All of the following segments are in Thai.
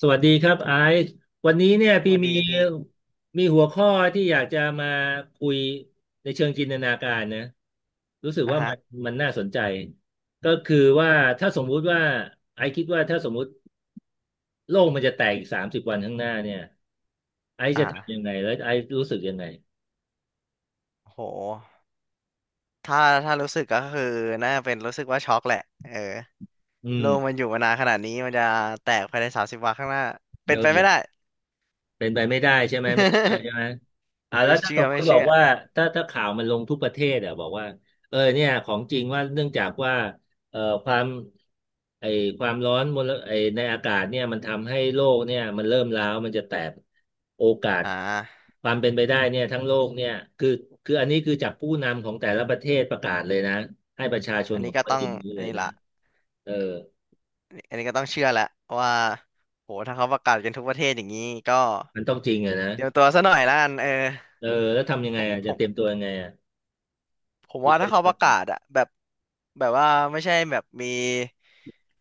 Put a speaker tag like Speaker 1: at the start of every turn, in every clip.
Speaker 1: สวัสดีครับไอซ์วันนี้เนี่ย
Speaker 2: ส
Speaker 1: พี่
Speaker 2: วัส
Speaker 1: มี
Speaker 2: ดีพี่
Speaker 1: มีหัวข้อที่อยากจะมาคุยในเชิงจินตนาการนะรู้สึก
Speaker 2: อ่ะ
Speaker 1: ว่า
Speaker 2: ฮะ
Speaker 1: มันน่าสนใจก็คือว่าถ้าสมมุติว่าไอซ์คิดว่าถ้าสมมุติโลกมันจะแตกอีกสามสิบวันข้างหน้าเนี่ยไอซ์จะทำยั
Speaker 2: อ่า
Speaker 1: งไงแล้วไอซ์รู้สึกยังไง
Speaker 2: โหถ้าถ้ารู้สึกก็คือน่าเป็นรู้สึกว่าช็อกแหละเออ
Speaker 1: อื
Speaker 2: โล
Speaker 1: ม
Speaker 2: กมันอยู่มานานขนาดนี้มันจะแตกภายในสามสิบวันข้างหน้าเป็
Speaker 1: เอ
Speaker 2: นไปไม่
Speaker 1: อ
Speaker 2: ได้
Speaker 1: เป็นไปไม่ได้ใช่ไหมไม่ใช่ใช่ไหมอ่า
Speaker 2: ไม่
Speaker 1: แล้วถ้าส
Speaker 2: เชื่อ
Speaker 1: มม
Speaker 2: ไม่
Speaker 1: ติบอ
Speaker 2: เชื่
Speaker 1: ก
Speaker 2: อ
Speaker 1: ว่าถ้าข่าวมันลงทุกประเทศอ่ะบอกว่าเออเนี่ยของจริงว่าเนื่องจากว่าเอ่อความไอความร้อนมลไอในอากาศเนี่ยมันทำให้โลกเนี่ยมันเริ่มร้าวมันจะแตกโอกาส
Speaker 2: อ่า
Speaker 1: ความเป็นไปได้เนี่ยทั้งโลกเนี่ยคือคืออันนี้คือจากผู้นำของแต่ละประเทศประกาศเลยนะให้ประชาชน
Speaker 2: อัน
Speaker 1: ขอ
Speaker 2: นี้
Speaker 1: ง
Speaker 2: ก็
Speaker 1: ตัว
Speaker 2: ต้อ
Speaker 1: เอ
Speaker 2: ง
Speaker 1: งรู้
Speaker 2: อั
Speaker 1: เล
Speaker 2: น
Speaker 1: ย
Speaker 2: นี้
Speaker 1: นะ
Speaker 2: ละ
Speaker 1: เออ
Speaker 2: อันนี้ก็ต้องเชื่อแหละว่าโหถ้าเขาประกาศกันทุกประเทศอย่างนี้ก็
Speaker 1: มันต้องจริงอะนะ
Speaker 2: เตรียมตัวซะหน่อยละกันเออ
Speaker 1: เออแล้วทำยังไง
Speaker 2: ผม
Speaker 1: อะ
Speaker 2: ผ
Speaker 1: จะเต
Speaker 2: ม
Speaker 1: รียมตัวยังไงอะ
Speaker 2: ผม
Speaker 1: คิด
Speaker 2: ว่า
Speaker 1: ว่า
Speaker 2: ถ้า
Speaker 1: จะ
Speaker 2: เขาประกา
Speaker 1: ท
Speaker 2: ศอะแบบแบบว่าไม่ใช่แบบมี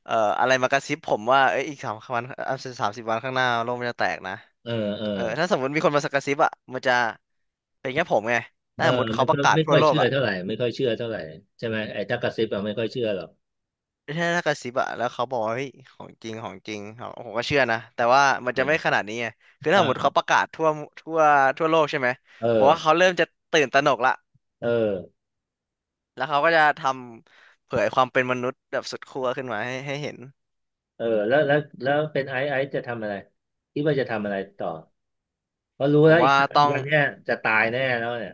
Speaker 2: อะไรมากระซิบผมว่าเอ้ยอีกสามสิบวันข้างหน้าโลกมันจะแตกนะ
Speaker 1: ำเออเออ
Speaker 2: เออถ้าสมมติมีคนมากระซิบอะมันจะเป็นแค่ผมไง
Speaker 1: เอ
Speaker 2: ถ้า
Speaker 1: อ
Speaker 2: สมมติ
Speaker 1: มั
Speaker 2: เขา
Speaker 1: น
Speaker 2: ป
Speaker 1: ก็
Speaker 2: ระกาศ
Speaker 1: ไม่
Speaker 2: ทั่
Speaker 1: ค่
Speaker 2: ว
Speaker 1: อย
Speaker 2: โลก
Speaker 1: เชื่อ
Speaker 2: อะ
Speaker 1: เท่าไหร่ไม่ค่อยเชื่อเท่าไหร่ใช่ไหมไอ้ถ้ากระซิบอะไม่ค่อยเชื่อหรอก
Speaker 2: ถ้าถ้ากระซิบอะแล้วเขาบอกว่าเฮ้ยของจริงของจริงผมก็เชื่อนะแต่ว่ามันจะไม่ข
Speaker 1: เ
Speaker 2: นาดนี้ไงคือถ้าสมมติ
Speaker 1: ออ
Speaker 2: เขาประกาศทั่วทั่วโลกใช่ไหม
Speaker 1: เออ
Speaker 2: ผมว่าเขาเริ่มจะตื่นตระหนกละ
Speaker 1: เออ
Speaker 2: แล้วเขาก็จะทำเผยความเป็นมนุษย์แบบสุดขั้วขึ้นมาให้เห็น
Speaker 1: เออแล้วเป็นไอซ์จะทำอะไรคิดว่าจะทำอะไรต่อเพราะรู้
Speaker 2: ผ
Speaker 1: แล้
Speaker 2: ม
Speaker 1: วอีก
Speaker 2: ว่าต้อง
Speaker 1: วันเนี้ยจะตายแน่แล้วเนี่ย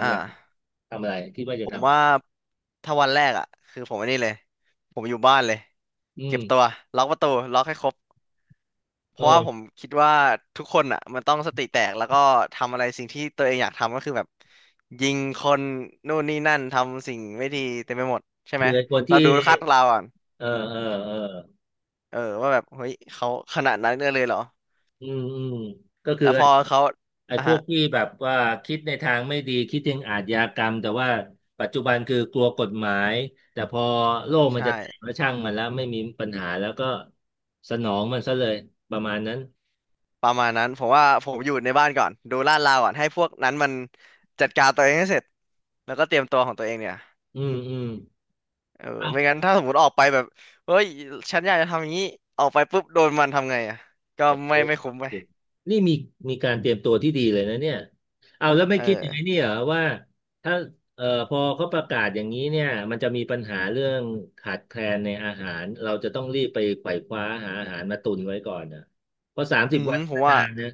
Speaker 2: อ่
Speaker 1: ำไง
Speaker 2: า
Speaker 1: ทำอะไรคิดว่า
Speaker 2: ผ
Speaker 1: จะ
Speaker 2: ม
Speaker 1: ทำอะไร
Speaker 2: ว่าถ้าวันแรกอ่ะคือผมไอันนี้เลยผมอยู่บ้านเลย
Speaker 1: อื
Speaker 2: เก็
Speaker 1: ม
Speaker 2: บตัวล็อกประตูล็อกให้ครบ เพ
Speaker 1: เอ
Speaker 2: ราะว่าผม
Speaker 1: อ
Speaker 2: คิดว่าทุกคนอ่ะมันต้องสติแตกแล้วก็ทำอะไรสิ่งที่ตัวเองอยากทำก็คือแบบยิงคนนู่นนี่นั่นทำสิ่งไม่ดีเต็มไปหมดใช่ไห
Speaker 1: คื
Speaker 2: ม
Speaker 1: อไอ้คน
Speaker 2: เรา
Speaker 1: ที่
Speaker 2: ดูคาดเราก่อน
Speaker 1: เออเออเออ
Speaker 2: เออว่าแบบเฮ้ยเขาขนาดนั้นเลยเหรอ
Speaker 1: อืมอืมก็คือ
Speaker 2: แล้วพอเขา
Speaker 1: ไอ้
Speaker 2: อ่ะ
Speaker 1: พวก
Speaker 2: ฮะ
Speaker 1: ที่แบบว่าคิดในทางไม่ดีคิดถึงอาชญากรรมแต่ว่าปัจจุบันคือกลัวกฎหมายแต่พอโลก
Speaker 2: ใช
Speaker 1: มันจะแตก
Speaker 2: ่
Speaker 1: แล้วช่างมันแล้วไม่มีปัญหาแล้วก็สนองมันซะเลยประมาณนั้น
Speaker 2: ประมาณนั้นผมว่าผมอยู่ในบ้านก่อนดูลาดราวก่อนให้พวกนั้นมันจัดการตัวเองให้เสร็จแล้วก็เตรียมตัวของตัวเองเนี่ย
Speaker 1: อืมอืม
Speaker 2: เออไม่งั้นถ้าสมมติออกไปแบบเฮ้ยฉันอยากจะทำอย่างนี้ออกไปปุ๊บโดนมันทำไงอ่ะก็
Speaker 1: โอ้โห
Speaker 2: ไม่คุ้มไป
Speaker 1: นี่มีการเตรียมตัวที่ดีเลยนะเนี่ยเอาแล้วไม่
Speaker 2: เอ
Speaker 1: คิดอย่างไอ้
Speaker 2: อ
Speaker 1: นี้เหรอว่าถ้าพอเขาประกาศอย่างนี้เนี่ยมันจะมีปัญหาเรื่องขาดแคลนในอาหารเราจะต้องรีบไปไขว่คว้าหาอาหารมาตุนไว้ก่อนนะเพราะสามสิ
Speaker 2: อื
Speaker 1: บวั
Speaker 2: ม
Speaker 1: นนี่
Speaker 2: ผ
Speaker 1: ก็
Speaker 2: มว่า
Speaker 1: นานนะ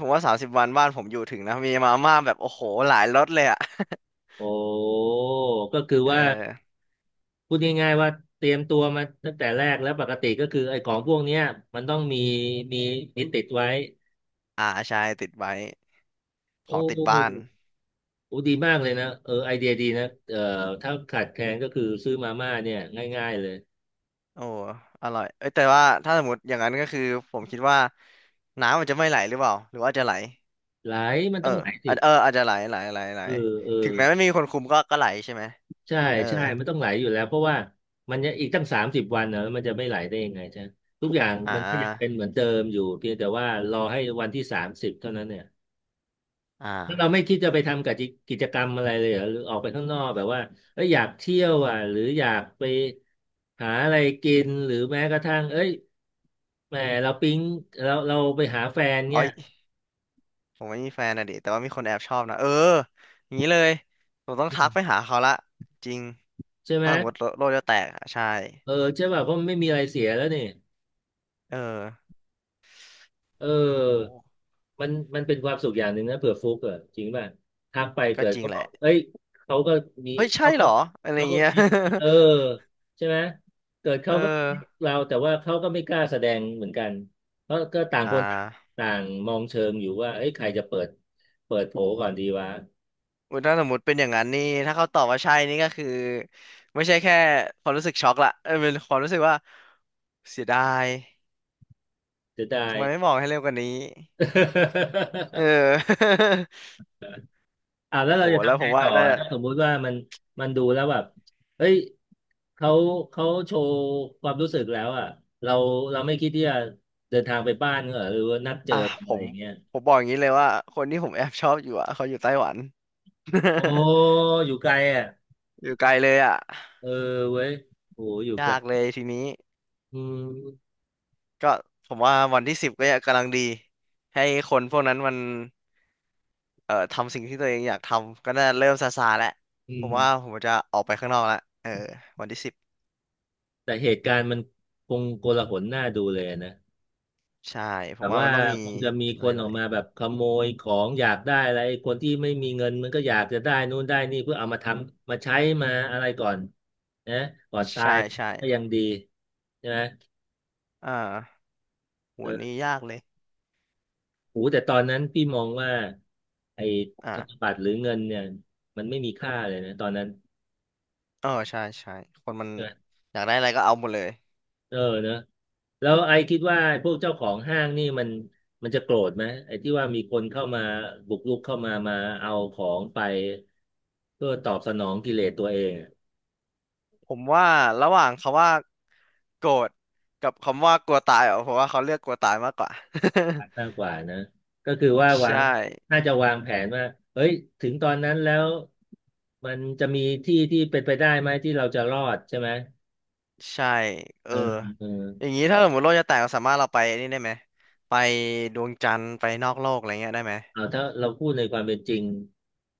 Speaker 2: ผมว่าสามสิบวันบ้านผมอยู่ถึงนะมีมาม่าแบบโอ้โหหลายรสเลยอ่ะ
Speaker 1: โอ้ก็คือ
Speaker 2: เอ
Speaker 1: ว่า
Speaker 2: อ
Speaker 1: พูดง่ายๆว่าเตรียมตัวมาตั้งแต่แรกแล้วปกติก็คือไอ้ของพวกเนี้ยมันต้องมีมีติดไว้
Speaker 2: อ่าใช่ติดไว้ขอ
Speaker 1: โอ้
Speaker 2: งติดบ้าน
Speaker 1: โอ้ดีมากเลยนะเออไอเดียดีนะเออถ้าขาดแคลนก็คือซื้อมาม่าเนี่ยง่ายๆเลย
Speaker 2: โอ้อร่อยเอ้ยแต่ว่าถ้าสมมติอย่างนั้นก็คือผมคิดว่าน้ำมันจะไม่ไหลหรือเปล่าหรือว่าจะไหล
Speaker 1: ไหลมัน
Speaker 2: เออ
Speaker 1: ต้องไหลสิ
Speaker 2: อาจอาจจะไหล
Speaker 1: เออเออ
Speaker 2: ถึงแม้ไม่มีคนคุมก็ไหลใช่ไหม
Speaker 1: ใช่
Speaker 2: เออ
Speaker 1: ใช่มันต้องไหลอยู่แล้วเพราะว่ามันจะอีกตั้งสามสิบวันนะแล้วมันจะไม่ไหลได้ยังไงใช่ไหมทุกอย่าง
Speaker 2: อ่า
Speaker 1: มันก็ยังเป็นเหมือนเดิมอยู่เพียงแต่ว่ารอให้วันที่สามสิบเท่านั้นเนี่ย
Speaker 2: อ่า
Speaker 1: แล้วเราไม่คิดจะไปทำกับกิกิจกรรมอะไรเลยเหรอหรือออกไปข้างนอกแบบว่าเอ้ยอยากเที่ยวอ่ะหรืออยากไปหาอะไรกินหรือแม้กระทั่งเอ้ยแหมเราปิ๊งเราไปหาแฟน
Speaker 2: อ้
Speaker 1: เนี่
Speaker 2: อ
Speaker 1: ย
Speaker 2: ยผมไม่มีแฟนนะดิแต่ว่ามีคนแอบชอบนะเอออย่างนี้เลย ผมต้องทักไปหาเขาละจริง
Speaker 1: ใช่ไหม
Speaker 2: ถ้าสมมติโลโลกจะแตกอะใช่
Speaker 1: เออใช่ป่ะเพราะมันไม่มีอะไรเสียแล้วนี่
Speaker 2: เออ
Speaker 1: เ
Speaker 2: โอ้โห
Speaker 1: ออมันเป็นความสุขอย่างหนึ่งนะเผื่อฟุกอะจริงป่ะทักไป
Speaker 2: ก็
Speaker 1: เกิด
Speaker 2: จริง
Speaker 1: เขา
Speaker 2: แห
Speaker 1: บอ
Speaker 2: ละ
Speaker 1: กเอ้ยเขาก็มี
Speaker 2: เฮ้ยใช่
Speaker 1: เขาก็
Speaker 2: เหรออะไร
Speaker 1: เขาก็
Speaker 2: เงี้ย
Speaker 1: เออ ใช่ไหมเกิดเขา
Speaker 2: เออ
Speaker 1: ก็คิดเราแต่ว่าเขาก็ไม่กล้าแสดงเหมือนกันเพราะก็ต่าง
Speaker 2: อ่
Speaker 1: คน
Speaker 2: า
Speaker 1: ต่างมองเชิงอยู่ว่าเอ้ยใครจะเปิดโผก่อนดีวะ
Speaker 2: อุ๊ยถ้าสมมติเป็นอย่างนั้นนี่ถ้าเขาตอบว่าใช่นี่ก็คือไม่ใช่แค่ความรู้สึกช็อกละเออเป็นความรู้สึกว่าเสียดาย
Speaker 1: จะได้
Speaker 2: ทำไมไม่บอกให้เร็วกว่านี้เอ อ
Speaker 1: อ่า แล้ว
Speaker 2: โอ้โห
Speaker 1: เราจะ
Speaker 2: แล้ว
Speaker 1: ทำ
Speaker 2: ผ
Speaker 1: ไง
Speaker 2: มว่า
Speaker 1: ต่อ
Speaker 2: น่า
Speaker 1: อะ
Speaker 2: จะ
Speaker 1: ถ้าสมมุติว่ามันมันดูแล้วแบบเฮ้ยเขาเขาโชว์ความรู้สึกแล้วอ่ะเราเราไม่คิดที่จะเดินทางไปบ้านเหรอหรือว่านัดเจอ
Speaker 2: อ่ะ
Speaker 1: กัน
Speaker 2: ผ
Speaker 1: อะไร
Speaker 2: ม
Speaker 1: อย่างเงี้ย
Speaker 2: บอกอย่างนี้เลยว่าคนที่ผมแอบชอบอยู่อ่ะเขาอยู่ไต้หวัน
Speaker 1: โอ้ อยู่ไกลอ่ะ
Speaker 2: อยู่ไกลเลยอ่ะ
Speaker 1: เออเว้ยโอ้อยู่ไกล
Speaker 2: ยากเลยทีนี้
Speaker 1: อืม
Speaker 2: ก็ผมว่าวันที่สิบก็ยังกำลังดีให้คนพวกนั้นมันทำสิ่งที่ตัวเองอยากทำก็น่าเริ่มซาซาแล้ว
Speaker 1: อื
Speaker 2: ผม
Speaker 1: ม
Speaker 2: ว่าผมจะออกไปข้างนอกแล้วเออวันที่สิบ
Speaker 1: แต่เหตุการณ์มันคงโกลาหลน่าดูเลยนะ
Speaker 2: ใช่ผ
Speaker 1: แบ
Speaker 2: ม
Speaker 1: บ
Speaker 2: ว่า
Speaker 1: ว่า
Speaker 2: มันต้องมี
Speaker 1: คงจะมีค
Speaker 2: อะไร
Speaker 1: น
Speaker 2: ห
Speaker 1: อ
Speaker 2: น่
Speaker 1: อ
Speaker 2: อ
Speaker 1: ก
Speaker 2: ย
Speaker 1: มาแบบขโมยของอยากได้อะไรคนที่ไม่มีเงินมันก็อยากจะได้นู่นได้นี่เพื่อเอามาทำมาใช้มาอะไรก่อนนะก่อนตา
Speaker 2: ใช่
Speaker 1: ย
Speaker 2: ใช่
Speaker 1: ก็ยังดีใช่ไหม
Speaker 2: อ่าหัว
Speaker 1: เออ
Speaker 2: นี้ยากเลย
Speaker 1: โหแต่ตอนนั้นพี่มองว่าไอ้ธน
Speaker 2: อ่า
Speaker 1: บัตรหรือเงินเนี่ยมันไม่มีค่าเลยนะตอนนั้น
Speaker 2: เออใช่ใช่คนมันอยากได้อะไรก็เอาหมดเลย
Speaker 1: เออเนอะแล้วไอคิดว่าพวกเจ้าของห้างนี่มันจะโกรธไหมไอที่ว่ามีคนเข้ามาบุกรุกเข้ามาเอาของไปเพื่อตอบสนองกิเลสตัวเองอะ
Speaker 2: ผมว่าระหว่างคำว่าโกรธกับคำว่ากลัวตายอ่ะผมว่าเขาเลือกกลัวตายมากกว่า
Speaker 1: มากกว่านะก็คือว่า วาง
Speaker 2: ใช่
Speaker 1: น่าจะวางแผนว่าเฮ้ยถึงตอนนั้นแล้วมันจะมีที่ที่เป็นไปได้ไหมที่เราจะรอดใช่ไหม
Speaker 2: ใช่เอ
Speaker 1: เอ
Speaker 2: อ
Speaker 1: อเออ
Speaker 2: อย่างนี้ถ้าสมมติโลกจะแตกเราสามารถเราไปนี่ได้ไหมไปดวงจันทร์ไปนอกโลกอะไรเงี้ยได้ไหม
Speaker 1: เอาถ้าเราพูดในความเป็นจริง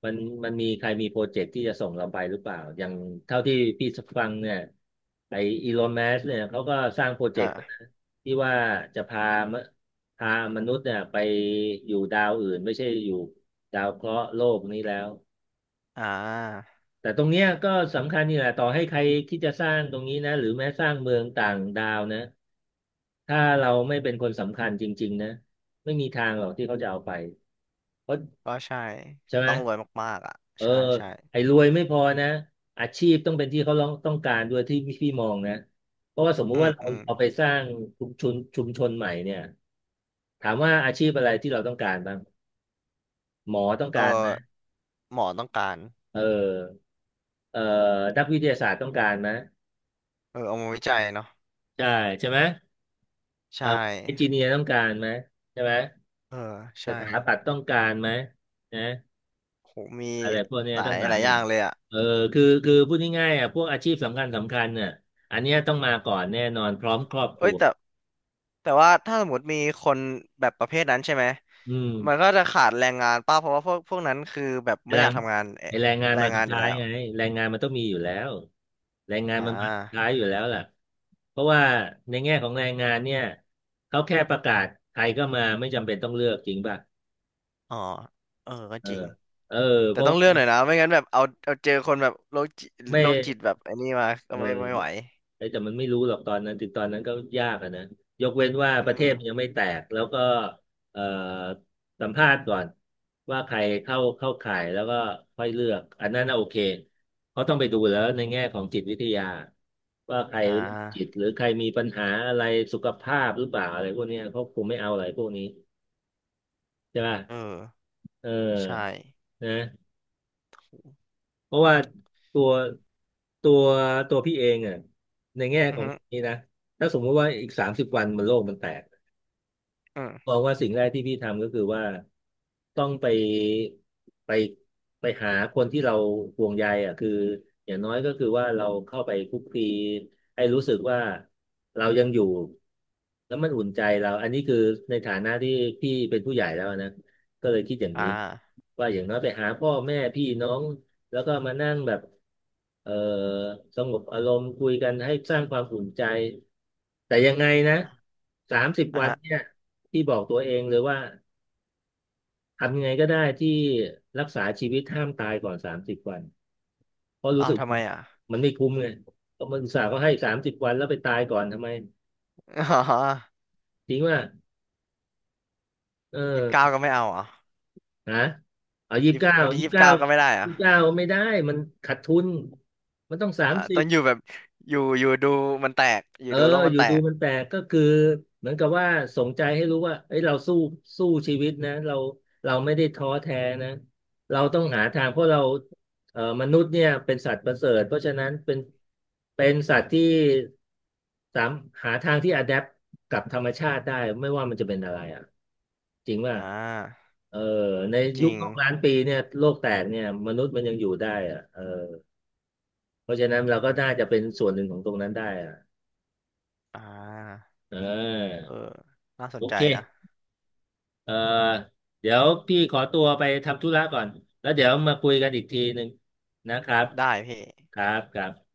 Speaker 1: มันมันมีใครมีโปรเจกต์ที่จะส่งเราไปหรือเปล่าอย่างเท่าที่พี่ฟังเนี่ยไออีลอนมัสเนี่ยเขาก็สร้างโปรเจกต์นะ
Speaker 2: เอ่
Speaker 1: ที่ว่าจะมพามนุษย์เนี่ยไปอยู่ดาวอื่นไม่ใช่อยู่ดาวเคราะห์โลกนี้แล้ว
Speaker 2: อ่า
Speaker 1: แต่ตรงเนี้ยก็สำคัญนี่แหละต่อให้ใครที่จะสร้างตรงนี้นะหรือแม้สร้างเมืองต่างดาวนะถ้าเราไม่เป็นคนสำคัญจริงๆนะไม่มีทางหรอกที่เขาจะเอาไปเพราะ
Speaker 2: ก็ใช่
Speaker 1: ใช่ไหม
Speaker 2: ต้องรวยมากๆอ่ะ
Speaker 1: เออ
Speaker 2: ใช่ใช่
Speaker 1: ไอ้รวยไม่พอนะอาชีพต้องเป็นที่เขาร้องต้องการด้วยที่พี่มองนะเพราะว่าสมมุติ
Speaker 2: อื
Speaker 1: ว่า
Speaker 2: ม
Speaker 1: เรา
Speaker 2: อืม
Speaker 1: เอาไปสร้างชุมชนใหม่เนี่ยถามว่าอาชีพอะไรที่เราต้องการบ้างหมอต้อง
Speaker 2: เอ
Speaker 1: การไหม
Speaker 2: อหมอต้องการ
Speaker 1: เออเอ่อนักวิทยาศาสตร์ต้องการไหม
Speaker 2: เออเอามาวิจัยเนาะ
Speaker 1: ใช่ใช่ไหมเอ่
Speaker 2: ใช่
Speaker 1: อเอนจิเนียร์ต้องการไหมใช่ไหม
Speaker 2: เออ
Speaker 1: ส
Speaker 2: ใช่
Speaker 1: ถาปัตย์ต้องการไหมนะ
Speaker 2: โหมี
Speaker 1: อะไรพวกเนี้ย
Speaker 2: หลา
Speaker 1: ตั้ง
Speaker 2: ย
Speaker 1: หลา
Speaker 2: ห
Speaker 1: ย
Speaker 2: ลาย
Speaker 1: อ
Speaker 2: อ
Speaker 1: ย่า
Speaker 2: ย่า
Speaker 1: ง
Speaker 2: งเลยอ่ะ
Speaker 1: เออคือคือพูดง่ายๆอ่ะพวกอาชีพสำคัญสำคัญเนี่ยอันเนี้ยต้องมาก่อนแน่นอนพร้อมครอบค
Speaker 2: เอ้
Speaker 1: รั
Speaker 2: ย
Speaker 1: ว
Speaker 2: แต่แต่ว่าถ้าสมมติมีคนแบบประเภทนั้นใช่ไหม
Speaker 1: อืม
Speaker 2: มันก็จะขาดแรงงานป้าเพราะว่าพวกนั้นคือแบบไม่
Speaker 1: แร
Speaker 2: อยา
Speaker 1: ง
Speaker 2: กทำงาน
Speaker 1: ไอแรงงาน
Speaker 2: แร
Speaker 1: มา
Speaker 2: ง
Speaker 1: สุ
Speaker 2: งา
Speaker 1: ด
Speaker 2: นอยู่
Speaker 1: ท้าย
Speaker 2: แล้ว
Speaker 1: ไงแรงงานมันต้องมีอยู่แล้วแรงงาน
Speaker 2: อ่
Speaker 1: มันมาสุดท้าย
Speaker 2: า
Speaker 1: อยู่แล้วล่ะเพราะว่าในแง่ของแรงงานเนี่ยเขาแค่ประกาศใครก็มาไม่จำเป็นต้องเลือกจริงป่ะ
Speaker 2: อ๋อเออก็
Speaker 1: เออ
Speaker 2: จริง
Speaker 1: เออเพ
Speaker 2: แต่
Speaker 1: ราะ
Speaker 2: ต้อ
Speaker 1: ว่า
Speaker 2: งเลือกหน่อยนะไม่งั้นแบบเอาเอาเจอคนแบบโรคจิต
Speaker 1: ไม่
Speaker 2: โรคจิตแบบไอ้นี่มาก็
Speaker 1: เออ
Speaker 2: ไม่ไหว
Speaker 1: เอ้ยแต่มันไม่รู้หรอกตอนนั้นถึงตอนนั้นก็ยากอะนะยกเว้นว่า
Speaker 2: อื
Speaker 1: ประเท
Speaker 2: ม
Speaker 1: ศมันยังไม่แตก แล้วก็เอ่อสัมภาษณ์ก่อนว่าใครเข้าข่ายแล้วก็ค่อยเลือกอันนั้นน่ะโอเค เขาต้องไปดูแล้วในแง่ของจิตวิทยาว่าใคร
Speaker 2: อ่
Speaker 1: โรคจิต
Speaker 2: า
Speaker 1: หรือใครมีปัญหาอะไรสุขภาพหรือเปล่าอะไรพวกเนี้ยเขาคงไม่เอาอะไรพวกนี้ใช่ป่ะ
Speaker 2: เออ
Speaker 1: เออ
Speaker 2: ใช่
Speaker 1: นะ เพราะว่าตัวตัวตัวพี่เองอ่ะในแง่
Speaker 2: อื
Speaker 1: ข
Speaker 2: อ
Speaker 1: อง
Speaker 2: ฮึ
Speaker 1: นี้นะถ้าสมมติว่าอีกสามสิบวันมันโลกมันแตก
Speaker 2: อื
Speaker 1: ม
Speaker 2: ม
Speaker 1: องว่าสิ่งแรกที่พี่ทำก็คือว่าต้องไปไปไปหาคนที่เราห่วงใยอ่ะคืออย่างน้อยก็คือว่าเราเข้าไปคุกคีให้รู้สึกว่าเรายังอยู่แล้วมันอุ่นใจเราอันนี้คือในฐานะที่พี่เป็นผู้ใหญ่แล้วนะก็เลยคิดอย่าง
Speaker 2: อ่
Speaker 1: นี้
Speaker 2: า
Speaker 1: ว่าอย่างน้อยไปหาพ่อแม่พี่น้อง แล้วก็มานั่งแบบเอ่อสงบอารมณ์คุยกันให้สร้างความอุ่นใจแต่ยังไงนะสามสิบ
Speaker 2: อ่ะ
Speaker 1: วัน
Speaker 2: ฮะ
Speaker 1: เนี่ยที่บอกตัวเองเลยว่าทำยังไงก็ได้ที่รักษาชีวิตห้ามตายก่อนสามสิบวันเพราะรู้
Speaker 2: อ้า
Speaker 1: สึ
Speaker 2: ว
Speaker 1: ก
Speaker 2: ทำไมอ่ะ
Speaker 1: มันไม่คุ้มไงเพราะมันอุตส่าห์ก็ให้สามสิบวันแล้วไปตายก่อนทำไม
Speaker 2: อ๋อ
Speaker 1: ทิ้งว่าเอ
Speaker 2: 29
Speaker 1: อ
Speaker 2: ก็ไม่เอาเหรอ
Speaker 1: ฮะเอายี่สิบ
Speaker 2: ยี่สิ
Speaker 1: เก้า
Speaker 2: บวันที่
Speaker 1: ยี่สิ
Speaker 2: ยี่
Speaker 1: บ
Speaker 2: สิบ
Speaker 1: เก้า
Speaker 2: เก้าก็ไม่ได้เหรอ่ะ
Speaker 1: ยี่สิบเก้าไม่ได้มันขาดทุนมันต้องสา
Speaker 2: อ่า
Speaker 1: มสิ
Speaker 2: ต้
Speaker 1: บ
Speaker 2: องอยู่แบบอยู่อยู่ดูมันแตกอยู่
Speaker 1: เออ
Speaker 2: ดูโลก
Speaker 1: อ
Speaker 2: มัน
Speaker 1: ยู่
Speaker 2: แต
Speaker 1: ดู
Speaker 2: ก
Speaker 1: มันแปลกก็คือเหมือนกับว่าสงใจให้รู้ว่าเอ้ยเราสู้สู้ชีวิตนะเราเราไม่ได้ท้อแท้นะเราต้องหาทางเพราะเรามนุษย์เนี่ยเป็นสัตว์ประเสริฐเพราะฉะนั้นเป็นสัตว์ที่สามหาทางที่อะแดปกับธรรมชาติได้ไม่ว่ามันจะเป็นอะไรอ่ะจริงว่า
Speaker 2: อ่า
Speaker 1: เออใน
Speaker 2: จ
Speaker 1: ยุ
Speaker 2: ริ
Speaker 1: ค
Speaker 2: ง
Speaker 1: โลก1,000,000 ปีเนี่ยโลกแตกเนี่ยมนุษย์มันยังอยู่ได้อ่ะเออเพราะฉะนั้นเราก็
Speaker 2: อ
Speaker 1: น่าจะ
Speaker 2: ม
Speaker 1: เป็นส่วนหนึ่งของตรงนั้นได้อ่ะ
Speaker 2: อ่า
Speaker 1: เ
Speaker 2: เออ
Speaker 1: ออ
Speaker 2: น่าส
Speaker 1: โอ
Speaker 2: นใจ
Speaker 1: เค
Speaker 2: นะ
Speaker 1: เอ่อเดี๋ยวพี่ขอตัวไปทำธุระก่อน แล้วเดี๋ยวมาคุยกันอีกทีหนึ่งนะครับ
Speaker 2: ได้พี่
Speaker 1: ครับครับ